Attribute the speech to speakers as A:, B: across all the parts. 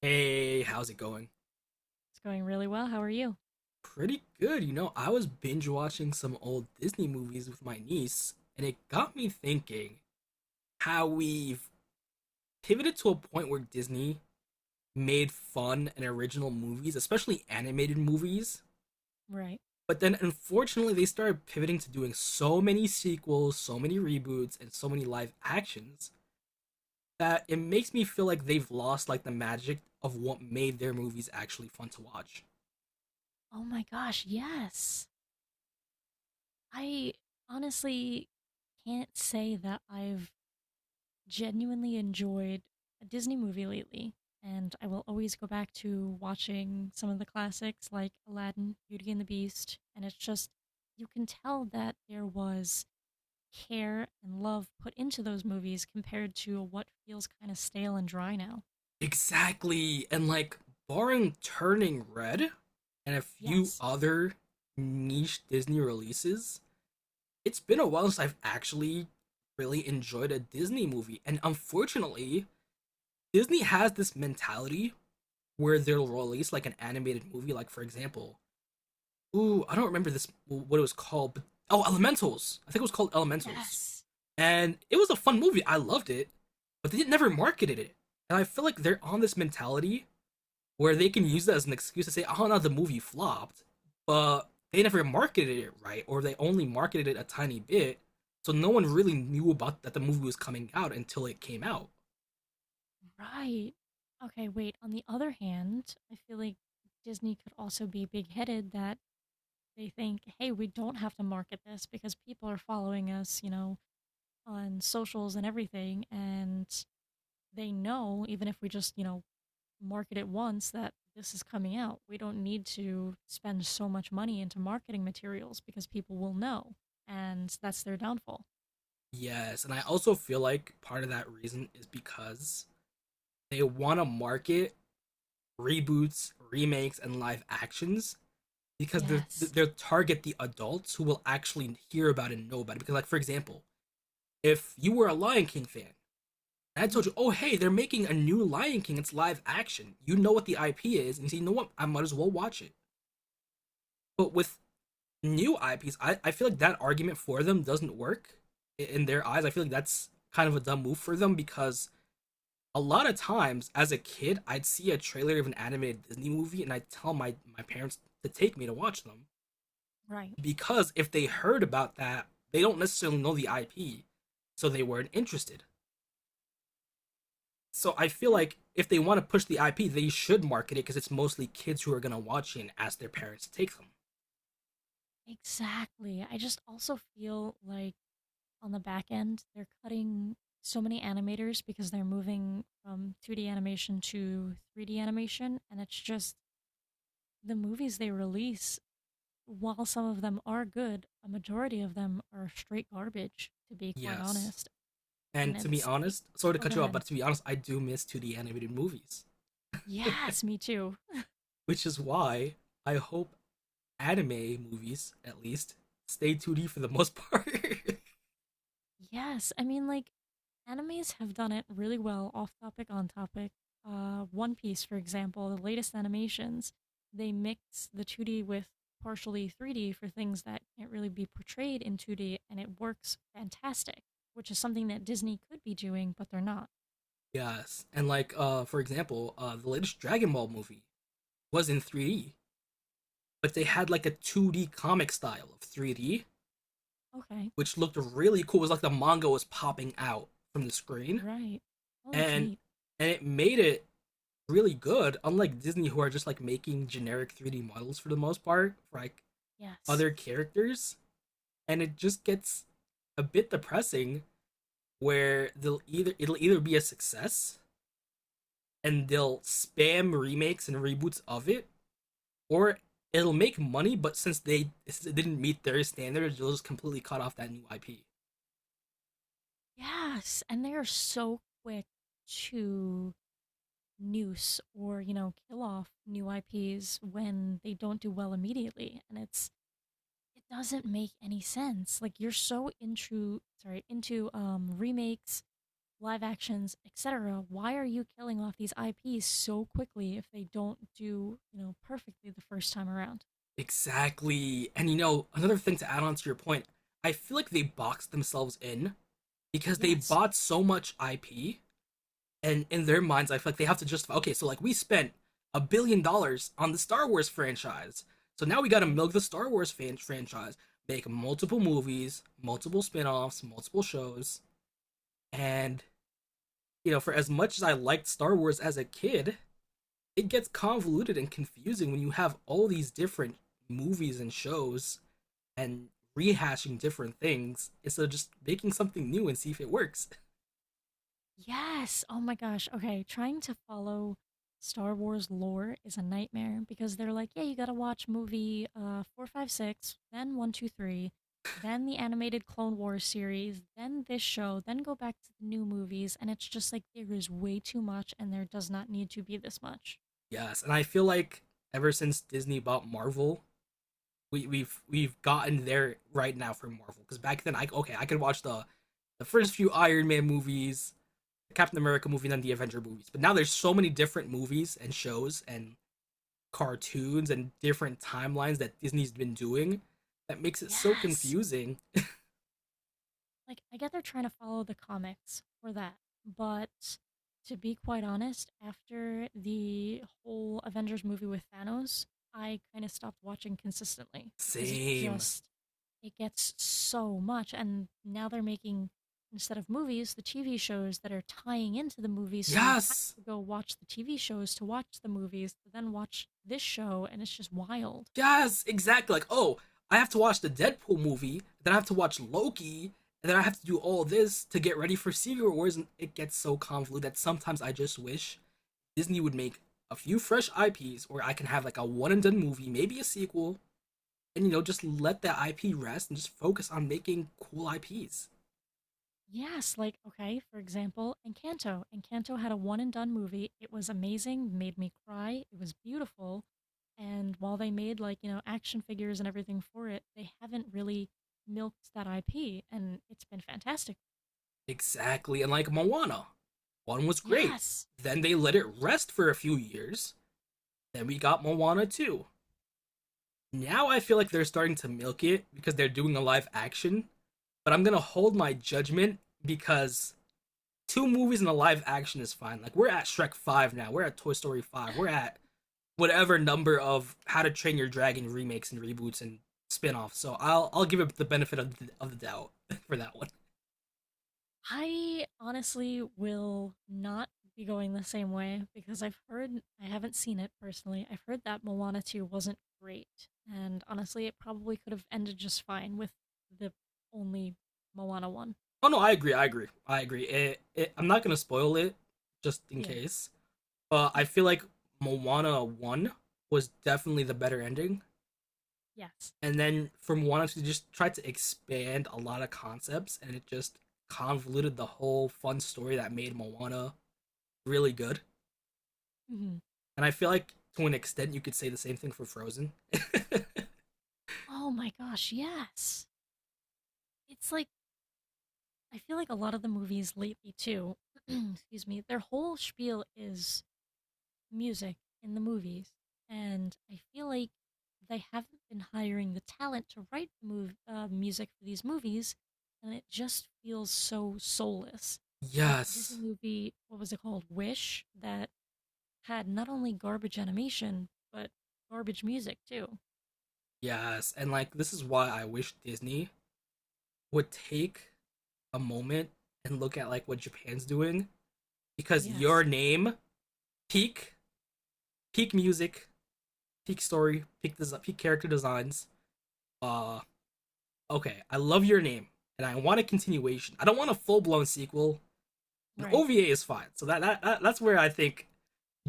A: Hey, how's it going?
B: It's going really well. How are you?
A: Pretty good. You know, I was binge watching some old Disney movies with my niece, and it got me thinking how we've pivoted to a point where Disney made fun and original movies, especially animated movies.
B: Right.
A: But then unfortunately, they started pivoting to doing so many sequels, so many reboots, and so many live actions that it makes me feel like they've lost like the magic of what made their movies actually fun to watch.
B: Oh my gosh, yes. I honestly can't say that I've genuinely enjoyed a Disney movie lately. And I will always go back to watching some of the classics like Aladdin, Beauty and the Beast. And it's just, you can tell that there was care and love put into those movies compared to what feels kind of stale and dry now.
A: Exactly. And like barring Turning Red and a few
B: Yes.
A: other niche Disney releases, it's been a while since I've actually really enjoyed a Disney movie. And unfortunately, Disney has this mentality where they'll release like an animated movie, like for example, ooh, I don't remember this what it was called, but oh, Elementals. I think it was called Elementals.
B: Yes.
A: And it was a fun movie. I loved it, but they never marketed it. And I feel like they're on this mentality where they can use that as an excuse to say, "Oh no, the movie flopped," but they never marketed it right, or they only marketed it a tiny bit, so no one really knew about that the movie was coming out until it came out.
B: Right. Okay, wait. On the other hand, I feel like Disney could also be big headed that they think, hey, we don't have to market this because people are following us, on socials and everything. And they know, even if we just, market it once, that this is coming out. We don't need to spend so much money into marketing materials because people will know. And that's their downfall.
A: Yes, and I also feel like part of that reason is because they want to market reboots, remakes, and live actions because they're,
B: Yes.
A: they're target the adults who will actually hear about it and know about it. Because, like, for example, if you were a Lion King fan, and I told
B: Mhm.
A: you, oh hey, they're making a new Lion King. It's live action. You know what the IP is, and you say, you know what, I might as well watch it. But with new IPs, I feel like that argument for them doesn't work in their eyes. I feel like that's kind of a dumb move for them because a lot of times as a kid, I'd see a trailer of an animated Disney movie and I'd tell my parents to take me to watch them
B: Right.
A: because if they heard about that, they don't necessarily know the IP, so they weren't interested. So I feel
B: Yeah.
A: like if they want to push the IP, they should market it because it's mostly kids who are gonna watch it and ask their parents to take them.
B: Exactly. I just also feel like on the back end, they're cutting so many animators because they're moving from 2D animation to 3D animation, and it's just the movies they release. While some of them are good, a majority of them are straight garbage, to be quite
A: Yes.
B: honest. And
A: And to be
B: it's, I-
A: honest, sorry to
B: oh, go
A: cut you off,
B: ahead.
A: but to be honest, I do miss 2D animated movies,
B: Yes, me too.
A: which is why I hope anime movies, at least, stay 2D for the most part.
B: Yes, I mean, like, animes have done it really well, off topic, on topic. One Piece, for example, the latest animations, they mix the 2D with partially 3D for things that can't really be portrayed in 2D, and it works fantastic, which is something that Disney could be doing, but they're not.
A: Yes. And like, for example, the latest Dragon Ball movie was in 3D, but they had like a 2D comic style of 3D,
B: Okay,
A: which looked really cool. It was like the manga was popping out from the screen.
B: right. Well, that's
A: and
B: neat.
A: and it made it really good. Unlike Disney, who are just like making generic 3D models for the most part, for like
B: Yes.
A: other characters, and it just gets a bit depressing. Where they'll either it'll either be a success and they'll spam remakes and reboots of it, or it'll make money, but since they didn't meet their standards, they'll just completely cut off that new IP.
B: Yes, and they are so quick to noose or kill off new IPs when they don't do well immediately, and it doesn't make any sense. Like, you're so into, sorry, into remakes, live actions, etc. Why are you killing off these IPs so quickly if they don't do, perfectly the first time around?
A: Exactly. And you know, another thing to add on to your point, I feel like they boxed themselves in because they
B: Yes.
A: bought so much IP, and in their minds, I feel like they have to justify. Okay, so like we spent $1 billion on the Star Wars franchise, so now we got to
B: Right.
A: milk the franchise, make multiple movies, multiple spin-offs, multiple shows, and you know, for as much as I liked Star Wars as a kid, it gets convoluted and confusing when you have all these different movies and shows and rehashing different things instead of just making something new and see if it works.
B: Yes. Oh my gosh. Okay. Trying to follow Star Wars lore is a nightmare because they're like, yeah, you got to watch movie 456, then 123, then the animated Clone Wars series, then this show, then go back to the new movies. And it's just like, there is way too much and there does not need to be this much.
A: Yes, and I feel like ever since Disney bought Marvel, we've gotten there right now for Marvel. Because back then, I okay, I could watch the first few Iron Man movies, the Captain America movie, and then the Avenger movies. But now there's so many different movies and shows and cartoons and different timelines that Disney's been doing that makes it so
B: Yes.
A: confusing.
B: Like, I get they're trying to follow the comics for that, but to be quite honest, after the whole Avengers movie with Thanos, I kind of stopped watching consistently because it
A: Same.
B: just it gets so much. And now they're making, instead of movies, the TV shows that are tying into the movies, so you have
A: Yes.
B: to go watch the TV shows to watch the movies to then watch this show, and it's just wild.
A: Yes, exactly. Like, oh, I have to watch the Deadpool movie, then I have to watch Loki, and then I have to do all this to get ready for Secret Wars, and it gets so convoluted that sometimes I just wish Disney would make a few fresh IPs, or I can have like a one and done movie, maybe a sequel, and you know, just let that IP rest and just focus on making cool IPs.
B: Yes, like okay, for example, Encanto. Had a one and done movie. It was amazing, made me cry. It was beautiful. And while they made, like, action figures and everything for it, they haven't really milked that IP, and it's been fantastic.
A: Exactly, and like Moana. One was great.
B: Yes.
A: Then they let it rest for a few years. Then we got Moana 2. Now I feel like they're starting to milk it because they're doing a live action, but I'm gonna hold my judgment because two movies in a live action is fine. Like we're at Shrek Five now, we're at Toy Story Five, we're at whatever number of How to Train Your Dragon remakes and reboots and spin-offs. So I'll give it the benefit of the doubt for that one.
B: I honestly will not be going the same way because I've heard, I haven't seen it personally. I've heard that Moana 2 wasn't great. And honestly, it probably could have ended just fine with the only Moana 1.
A: Oh no, I agree, I agree, I agree. I'm not gonna spoil it just in
B: Yeah.
A: case, but I feel like Moana One was definitely the better ending.
B: Yes.
A: And then from one she just tried to expand a lot of concepts and it just convoluted the whole fun story that made Moana really good.
B: Hmm.
A: And I feel like to an extent you could say the same thing for Frozen.
B: Oh my gosh, yes. It's like, I feel like a lot of the movies lately, too, excuse me, their whole spiel is music in the movies, and I feel like they haven't been hiring the talent to write the music for these movies, and it just feels so soulless. Like the Disney
A: Yes.
B: movie, what was it called? Wish, that had not only garbage animation, but garbage music too.
A: Yes. And like this is why I wish Disney would take a moment and look at like what Japan's doing because your
B: Yes,
A: name peak peak music, peak story, peak character designs, uh okay, I love your name, and I want a continuation. I don't want a full blown sequel. An
B: right.
A: OVA is fine. So that's where I think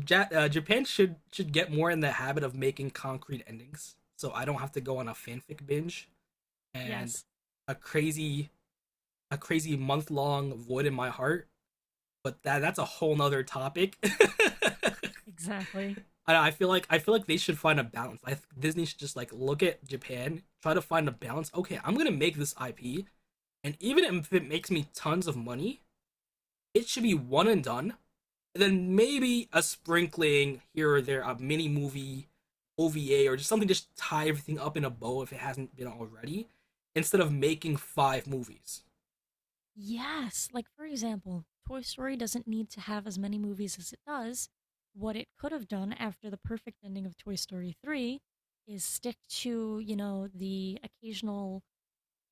A: Japan should get more in the habit of making concrete endings. So I don't have to go on a fanfic binge and
B: Yes,
A: a crazy a crazy month long void in my heart. But that's a whole nother topic.
B: exactly.
A: I feel like they should find a balance. I Disney should just like look at Japan, try to find a balance. Okay, I'm gonna make this IP, and even if it makes me tons of money, it should be one and done. And then maybe a sprinkling here or there, a mini movie, OVA, or just something just tie everything up in a bow if it hasn't been already, instead of making five movies.
B: Yes, like for example, Toy Story doesn't need to have as many movies as it does. What it could have done after the perfect ending of Toy Story 3 is stick to, the occasional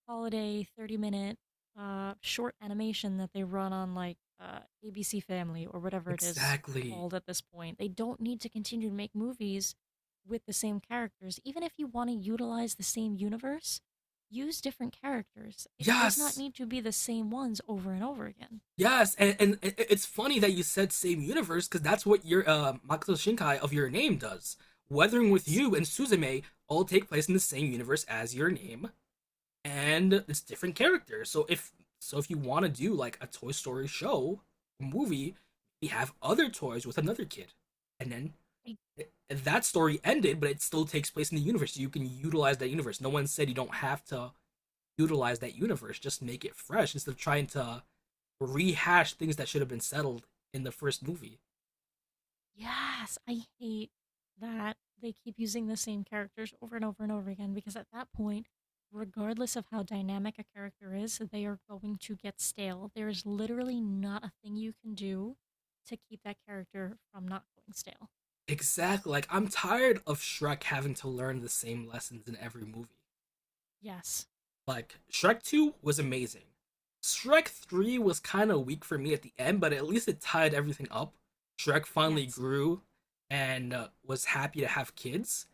B: holiday 30 minute short animation that they run on like ABC Family or whatever it is
A: Exactly.
B: called at this point. They don't need to continue to make movies with the same characters. Even if you want to utilize the same universe, use different characters. It does not
A: Yes!
B: need to be the same ones over and over again.
A: Yes, and it- it's funny that you said same universe because that's what your Makoto Shinkai of Your Name does. Weathering with
B: Yes,
A: You and Suzume all take place in the same universe as Your Name, and it's different characters. So, if you want to do like a Toy Story show or movie, you have other toys with another kid, and then
B: I
A: th- that story ended, but it still takes place in the universe. You can utilize that universe. No one said you don't have to utilize that universe. Just make it fresh instead of trying to rehash things that should have been settled in the first movie.
B: Yes, I hate that they keep using the same characters over and over and over again because at that point, regardless of how dynamic a character is, they are going to get stale. There is literally not a thing you can do to keep that character from not going stale.
A: Exactly. Like I'm tired of Shrek having to learn the same lessons in every movie.
B: Yes,
A: Like Shrek 2 was amazing. Shrek 3 was kind of weak for me at the end, but at least it tied everything up. Shrek finally
B: yes,
A: grew and was happy to have kids.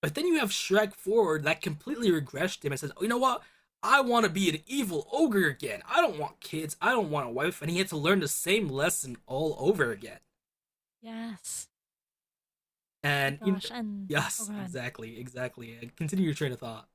A: But then you have Shrek 4 that completely regressed him and says, oh, you know what? I want to be an evil ogre again. I don't want kids. I don't want a wife. And he had to learn the same lesson all over again.
B: yes. My
A: and in,
B: gosh, and oh
A: yes,
B: god.
A: exactly, exactly, and continue your train of thought.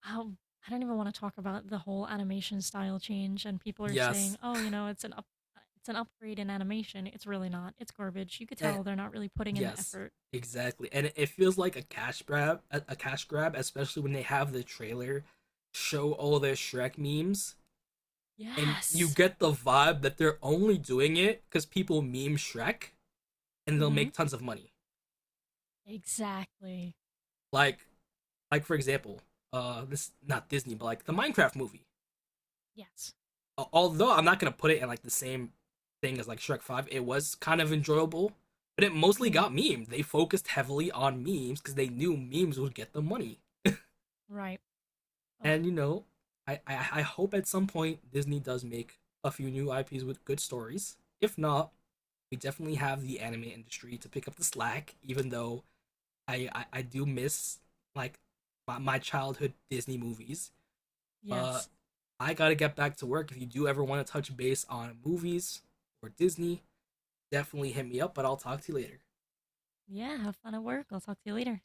B: How I don't even wanna talk about the whole animation style change, and people are saying,
A: Yes.
B: "Oh, it's an upgrade in animation." It's really not, it's garbage, you could
A: and,
B: tell they're not really putting in the
A: yes,
B: effort.
A: exactly, and it feels like a cash grab, a cash grab, especially when they have the trailer show all their shrek memes, and you
B: Yes.
A: get the vibe that they're only doing it because people meme shrek and they'll
B: Mhm.
A: make tons of money.
B: Exactly.
A: like like for example, this not disney but like the minecraft movie,
B: Yes.
A: although I'm not gonna put it in like the same thing as like Shrek Five, it was kind of enjoyable, but it mostly
B: Mhm.
A: got memed. They focused heavily on memes because they knew memes would get the money.
B: Right. Ugh,
A: And you know, I hope at some point Disney does make a few new IPs with good stories. If not, we definitely have the anime industry to pick up the slack. Even though I do miss like my childhood Disney movies, but
B: yes.
A: I gotta get back to work. If you do ever want to touch base on movies or Disney, definitely hit me up, but I'll talk to you later.
B: Yeah, have fun at work, I'll talk to you later.